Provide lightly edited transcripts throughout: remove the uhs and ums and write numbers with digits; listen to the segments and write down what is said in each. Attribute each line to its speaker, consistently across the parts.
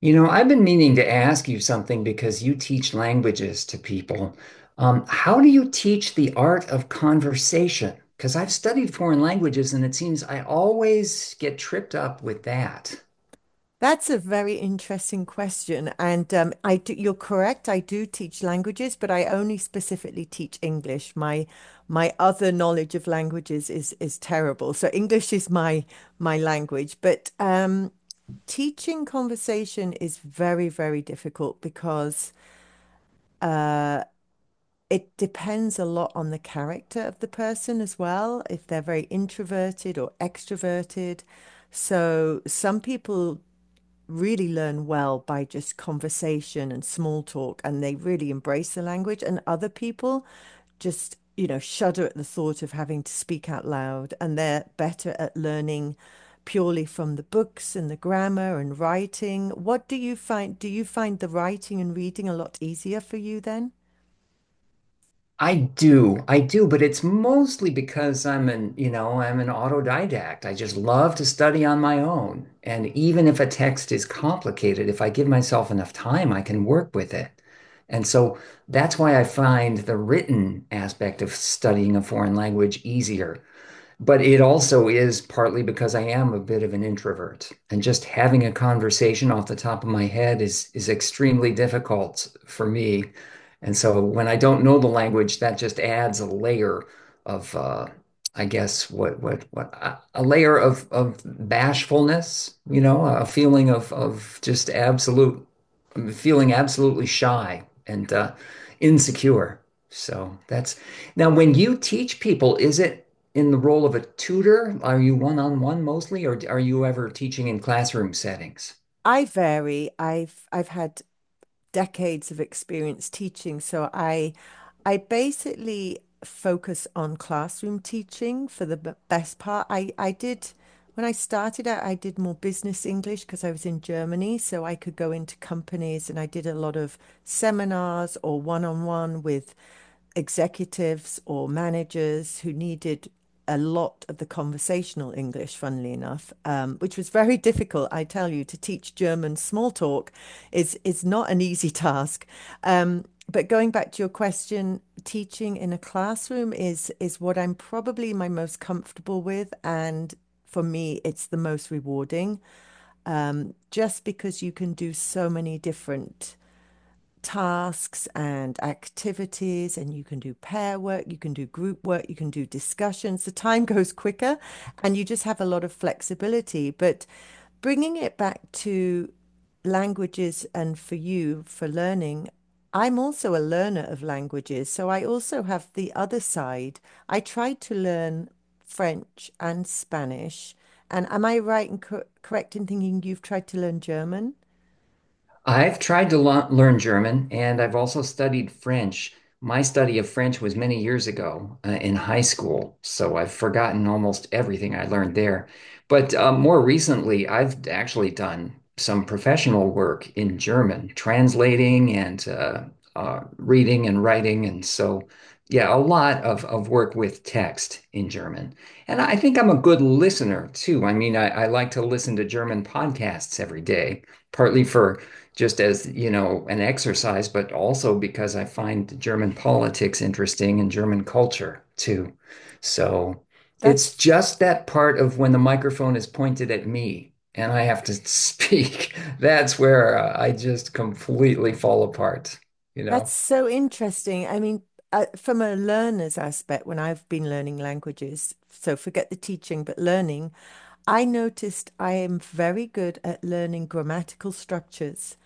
Speaker 1: I've been meaning to ask you something because you teach languages to people. How do you teach the art of conversation? Because I've studied foreign languages and it seems I always get tripped up with that.
Speaker 2: That's a very interesting question. And I do, you're correct. I do teach languages, but I only specifically teach English. My other knowledge of languages is terrible. So English is my language. But teaching conversation is very, very difficult because it depends a lot on the character of the person as well, if they're very introverted or extroverted. So some people really learn well by just conversation and small talk, and they really embrace the language. And other people just, you know, shudder at the thought of having to speak out loud, and they're better at learning purely from the books and the grammar and writing. What do you find? Do you find the writing and reading a lot easier for you then?
Speaker 1: I do, but it's mostly because I'm an autodidact. I just love to study on my own. And even if a text is complicated, if I give myself enough time, I can work with it. And so that's why I find the written aspect of studying a foreign language easier. But it also is partly because I am a bit of an introvert, and just having a conversation off the top of my head is extremely difficult for me. And so when I don't know the language, that just adds a layer of, I guess, what a layer of bashfulness, a feeling of just absolute, feeling absolutely shy and insecure. So that's— now when you teach people, is it in the role of a tutor? Are you one-on-one mostly, or are you ever teaching in classroom settings?
Speaker 2: I vary. I've had decades of experience teaching. So I basically focus on classroom teaching for the best part. I did when I started out, I did more business English because I was in Germany, so I could go into companies and I did a lot of seminars or one-on-one with executives or managers who needed a lot of the conversational English, funnily enough, which was very difficult. I tell you, to teach German small talk is not an easy task. Um, but going back to your question, teaching in a classroom is what I'm probably my most comfortable with, and for me, it's the most rewarding. Just because you can do so many different tasks and activities, and you can do pair work, you can do group work, you can do discussions. The time goes quicker, and you just have a lot of flexibility. But bringing it back to languages and for you for learning, I'm also a learner of languages, so I also have the other side. I tried to learn French and Spanish. And am I right and correct in thinking you've tried to learn German?
Speaker 1: I've tried to learn German and I've also studied French. My study of French was many years ago in high school, so I've forgotten almost everything I learned there. But more recently, I've actually done some professional work in German, translating and reading and writing. And so, yeah, a lot of work with text in German. And I think I'm a good listener too. I mean, I like to listen to German podcasts every day, partly for just as, an exercise, but also because I find German politics interesting and German culture too. So it's
Speaker 2: That's
Speaker 1: just that part of when the microphone is pointed at me and I have to speak. That's where I just completely fall apart, you
Speaker 2: That's
Speaker 1: know?
Speaker 2: so interesting. I mean, from a learner's aspect, when I've been learning languages, so forget the teaching, but learning, I noticed I am very good at learning grammatical structures.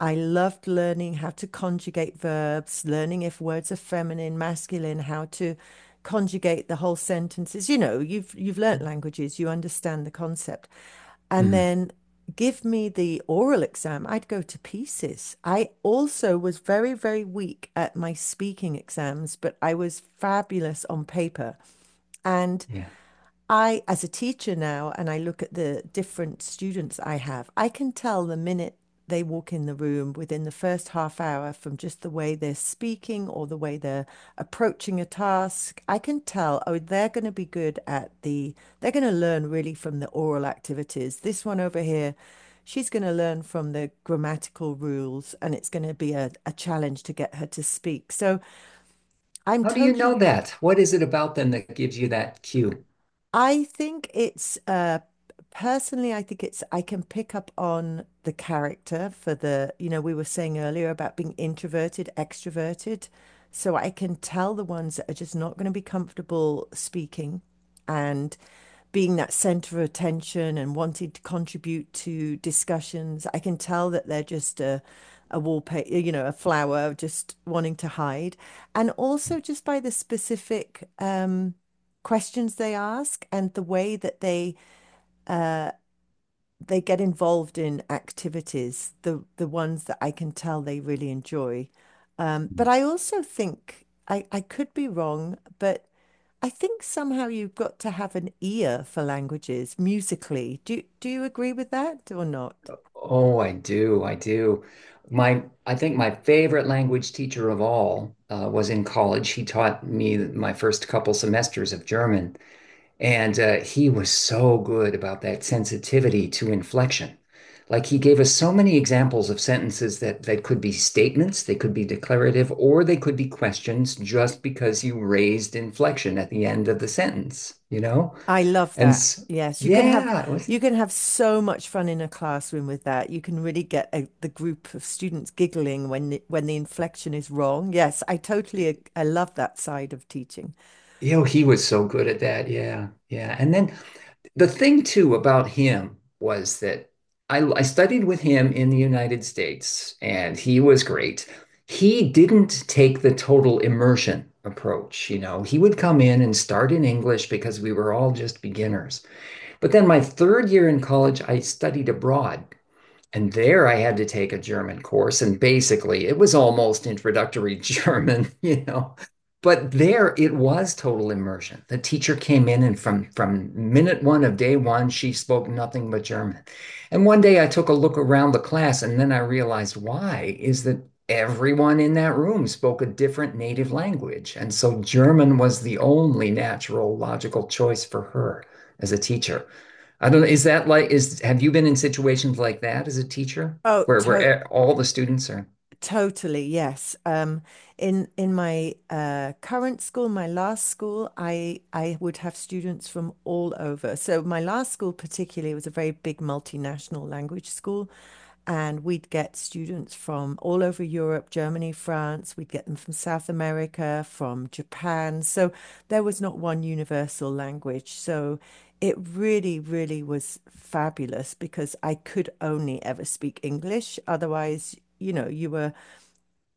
Speaker 2: I loved learning how to conjugate verbs, learning if words are feminine, masculine, how to conjugate the whole sentences. You know, you've learnt languages, you understand the concept. And
Speaker 1: Mhm.
Speaker 2: then give me the oral exam, I'd go to pieces. I also was very, very weak at my speaking exams, but I was fabulous on paper. And
Speaker 1: Yeah.
Speaker 2: I, as a teacher now, and I look at the different students I have, I can tell the minute they walk in the room within the first half hour from just the way they're speaking or the way they're approaching a task. I can tell, oh, they're going to be good at the, they're going to learn really from the oral activities. This one over here, she's going to learn from the grammatical rules, and it's going to be a challenge to get her to speak. So I'm
Speaker 1: How do you know
Speaker 2: totally
Speaker 1: that? What is it about them that gives you that cue?
Speaker 2: I think it's personally I think it's I can pick up on the character for the you know we were saying earlier about being introverted, extroverted. So I can tell the ones that are just not going to be comfortable speaking and being that center of attention and wanting to contribute to discussions. I can tell that they're just a wallpaper, you know, a flower, just wanting to hide, and also just by the specific questions they ask and the way that uh, they get involved in activities, the ones that I can tell they really enjoy. But I also think I could be wrong, but I think somehow you've got to have an ear for languages musically. Do do you agree with that or not?
Speaker 1: Oh, I do. I do. I think my favorite language teacher of all was in college. He taught me my first couple semesters of German, and he was so good about that sensitivity to inflection. Like he gave us so many examples of sentences that could be statements, they could be declarative, or they could be questions just because you raised inflection at the end of the sentence, you know?
Speaker 2: I love
Speaker 1: And
Speaker 2: that.
Speaker 1: s
Speaker 2: Yes,
Speaker 1: yeah,
Speaker 2: you
Speaker 1: wasn't,
Speaker 2: can have so much fun in a classroom with that. You can really get a, the group of students giggling when the inflection is wrong. Yes, I totally I love that side of teaching.
Speaker 1: he was so good at that. Yeah, yeah. And then the thing too about him was that I studied with him in the United States, and he was great. He didn't take the total immersion approach, you know. He would come in and start in English because we were all just beginners. But then my third year in college, I studied abroad. And there I had to take a German course. And basically, it was almost introductory German, you know. But there it was total immersion. The teacher came in, and from minute one of day one, she spoke nothing but German. And one day I took a look around the class, and then I realized why is that everyone in that room spoke a different native language. And so German was the only natural, logical choice for her as a teacher. I don't know. Is that like is have you been in situations like that as a teacher
Speaker 2: Oh,
Speaker 1: where
Speaker 2: to
Speaker 1: where e- all the students are?
Speaker 2: Totally, yes. In my current school, my last school, I would have students from all over. So my last school particularly was a very big multinational language school, and we'd get students from all over Europe, Germany, France. We'd get them from South America, from Japan. So there was not one universal language. So it really, really was fabulous because I could only ever speak English. Otherwise, you know, you were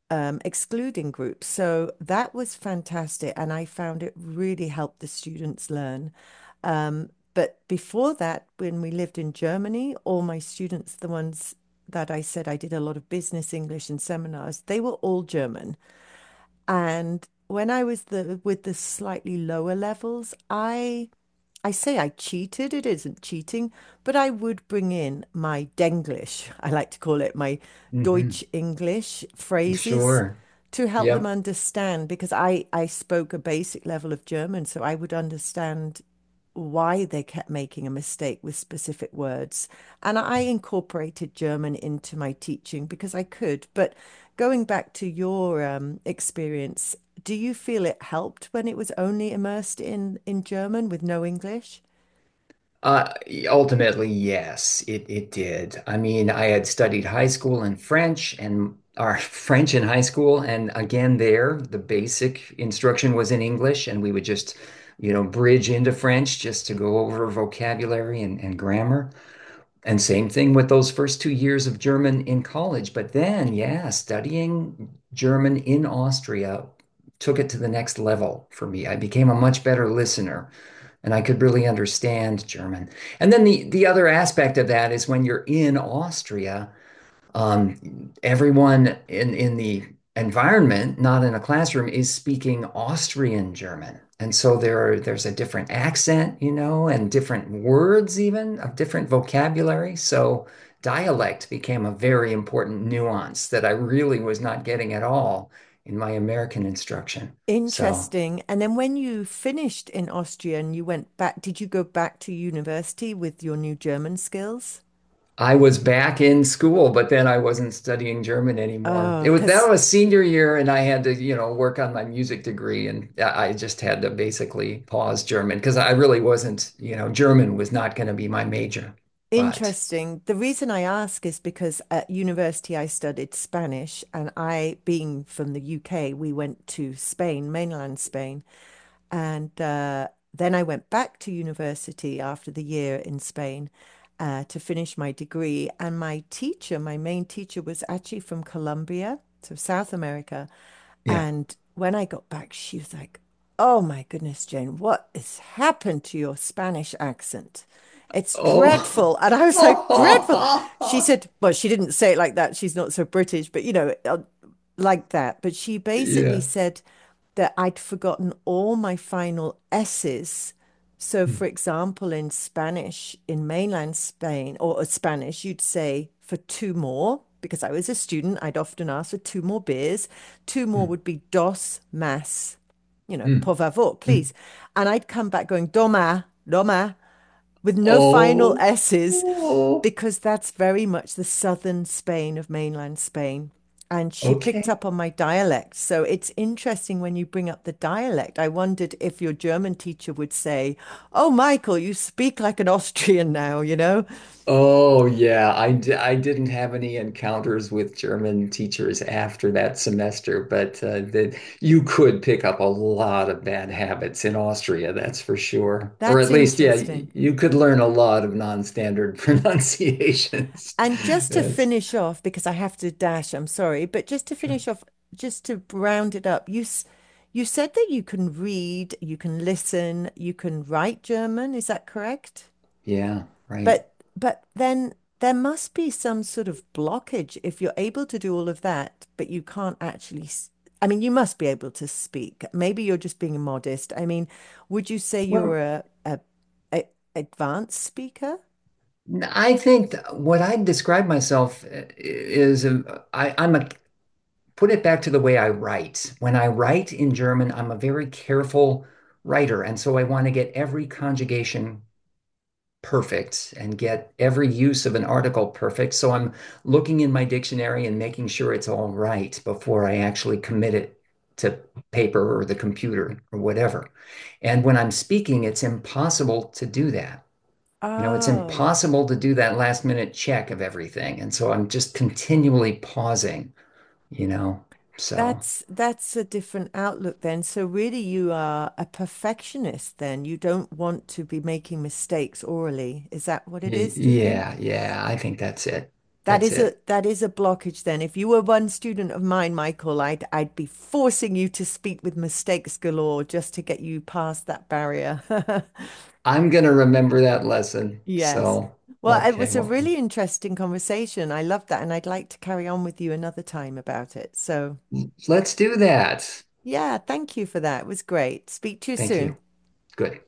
Speaker 2: excluding groups. So that was fantastic. And I found it really helped the students learn. But before that, when we lived in Germany, all my students, the ones that I said I did a lot of business English and seminars, they were all German. And when I was the with the slightly lower levels, I say I cheated, it isn't cheating, but I would bring in my Denglish, I like to call it my Deutsch
Speaker 1: Hmm.
Speaker 2: English phrases
Speaker 1: Sure.
Speaker 2: to help them
Speaker 1: Yep.
Speaker 2: understand because I spoke a basic level of German, so I would understand why they kept making a mistake with specific words. And I incorporated German into my teaching because I could. But going back to your experience, do you feel it helped when it was only immersed in German with no English?
Speaker 1: Uh, ultimately, yes, it did. I mean, I had studied high school in French and our French in high school, and again there, the basic instruction was in English, and we would just, bridge into French just to go over vocabulary and grammar. And same thing with those first 2 years of German in college. But then, yeah, studying German in Austria took it to the next level for me. I became a much better listener and I could really understand German. And then the other aspect of that is when you're in Austria, everyone in the environment, not in a classroom, is speaking Austrian German. And so there's a different accent, and different words even of different vocabulary. So dialect became a very important nuance that I really was not getting at all in my American instruction. So
Speaker 2: Interesting. And then when you finished in Austria and you went back, did you go back to university with your new German skills?
Speaker 1: I was back in school, but then I wasn't studying German anymore.
Speaker 2: Oh,
Speaker 1: It was— that
Speaker 2: because
Speaker 1: was senior year, and I had to, work on my music degree, and I just had to basically pause German because I really wasn't, German was not going to be my major. But
Speaker 2: Interesting. The reason I ask is because at university I studied Spanish, and I, being from the UK, we went to Spain, mainland Spain. And then I went back to university after the year in Spain to finish my degree. And my teacher, my main teacher, was actually from Colombia, so South America.
Speaker 1: yeah.
Speaker 2: And when I got back, she was like, Oh my goodness, Jane, what has happened to your Spanish accent? It's
Speaker 1: Oh.
Speaker 2: dreadful. And I was like, Dreadful. She said, Well, she didn't say it like that. She's not so British, but you know, like that. But she basically
Speaker 1: Yeah.
Speaker 2: said that I'd forgotten all my final S's. So,
Speaker 1: Mm,
Speaker 2: for example, in Spanish, in mainland Spain or Spanish, you'd say for two more, because I was a student, I'd often ask for two more beers. Two more
Speaker 1: mm,
Speaker 2: would be dos más, you know,
Speaker 1: mm,
Speaker 2: por favor,
Speaker 1: mm.
Speaker 2: please. And I'd come back going, doma, doma with no final
Speaker 1: Oh.
Speaker 2: S's,
Speaker 1: Oh.
Speaker 2: because that's very much the southern Spain of mainland Spain. And she picked
Speaker 1: Okay.
Speaker 2: up on my dialect. So it's interesting when you bring up the dialect. I wondered if your German teacher would say, Oh, Michael, you speak like an Austrian now, you know?
Speaker 1: Oh yeah, I didn't have any encounters with German teachers after that semester, but that you could pick up a lot of bad habits in Austria, that's for sure. Or
Speaker 2: That's
Speaker 1: at least, yeah,
Speaker 2: interesting.
Speaker 1: you could learn a lot of non-standard pronunciations.
Speaker 2: And just to
Speaker 1: That's
Speaker 2: finish off, because I have to dash, I'm sorry, but just to
Speaker 1: sure.
Speaker 2: finish off, just to round it up, you said that you can read, you can listen, you can write German. Is that correct?
Speaker 1: Yeah, right.
Speaker 2: But then there must be some sort of blockage if you're able to do all of that, but you can't actually. I mean, you must be able to speak. Maybe you're just being modest. I mean, would you say you're
Speaker 1: Well,
Speaker 2: a advanced speaker?
Speaker 1: I think what I describe myself is a, I'm a— put it back to the way I write. When I write in German, I'm a very careful writer. And so I want to get every conjugation perfect and get every use of an article perfect. So I'm looking in my dictionary and making sure it's all right before I actually commit it to paper or the computer or whatever. And when I'm speaking, it's impossible to do that. It's
Speaker 2: Oh,
Speaker 1: impossible to do that last minute check of everything. And so I'm just continually pausing, you know. So.
Speaker 2: that's a different outlook then. So really, you are a perfectionist then. You don't want to be making mistakes orally. Is that what it is, do you
Speaker 1: Yeah,
Speaker 2: think?
Speaker 1: yeah, I think that's it. That's it.
Speaker 2: That is a blockage then. If you were one student of mine, Michael, I'd be forcing you to speak with mistakes galore just to get you past that barrier.
Speaker 1: I'm gonna remember that lesson.
Speaker 2: Yes.
Speaker 1: So,
Speaker 2: Well, it
Speaker 1: okay,
Speaker 2: was a
Speaker 1: well,
Speaker 2: really interesting conversation. I loved that, and I'd like to carry on with you another time about it. So,
Speaker 1: let's do that.
Speaker 2: yeah, thank you for that. It was great. Speak to you
Speaker 1: Thank you.
Speaker 2: soon.
Speaker 1: Good.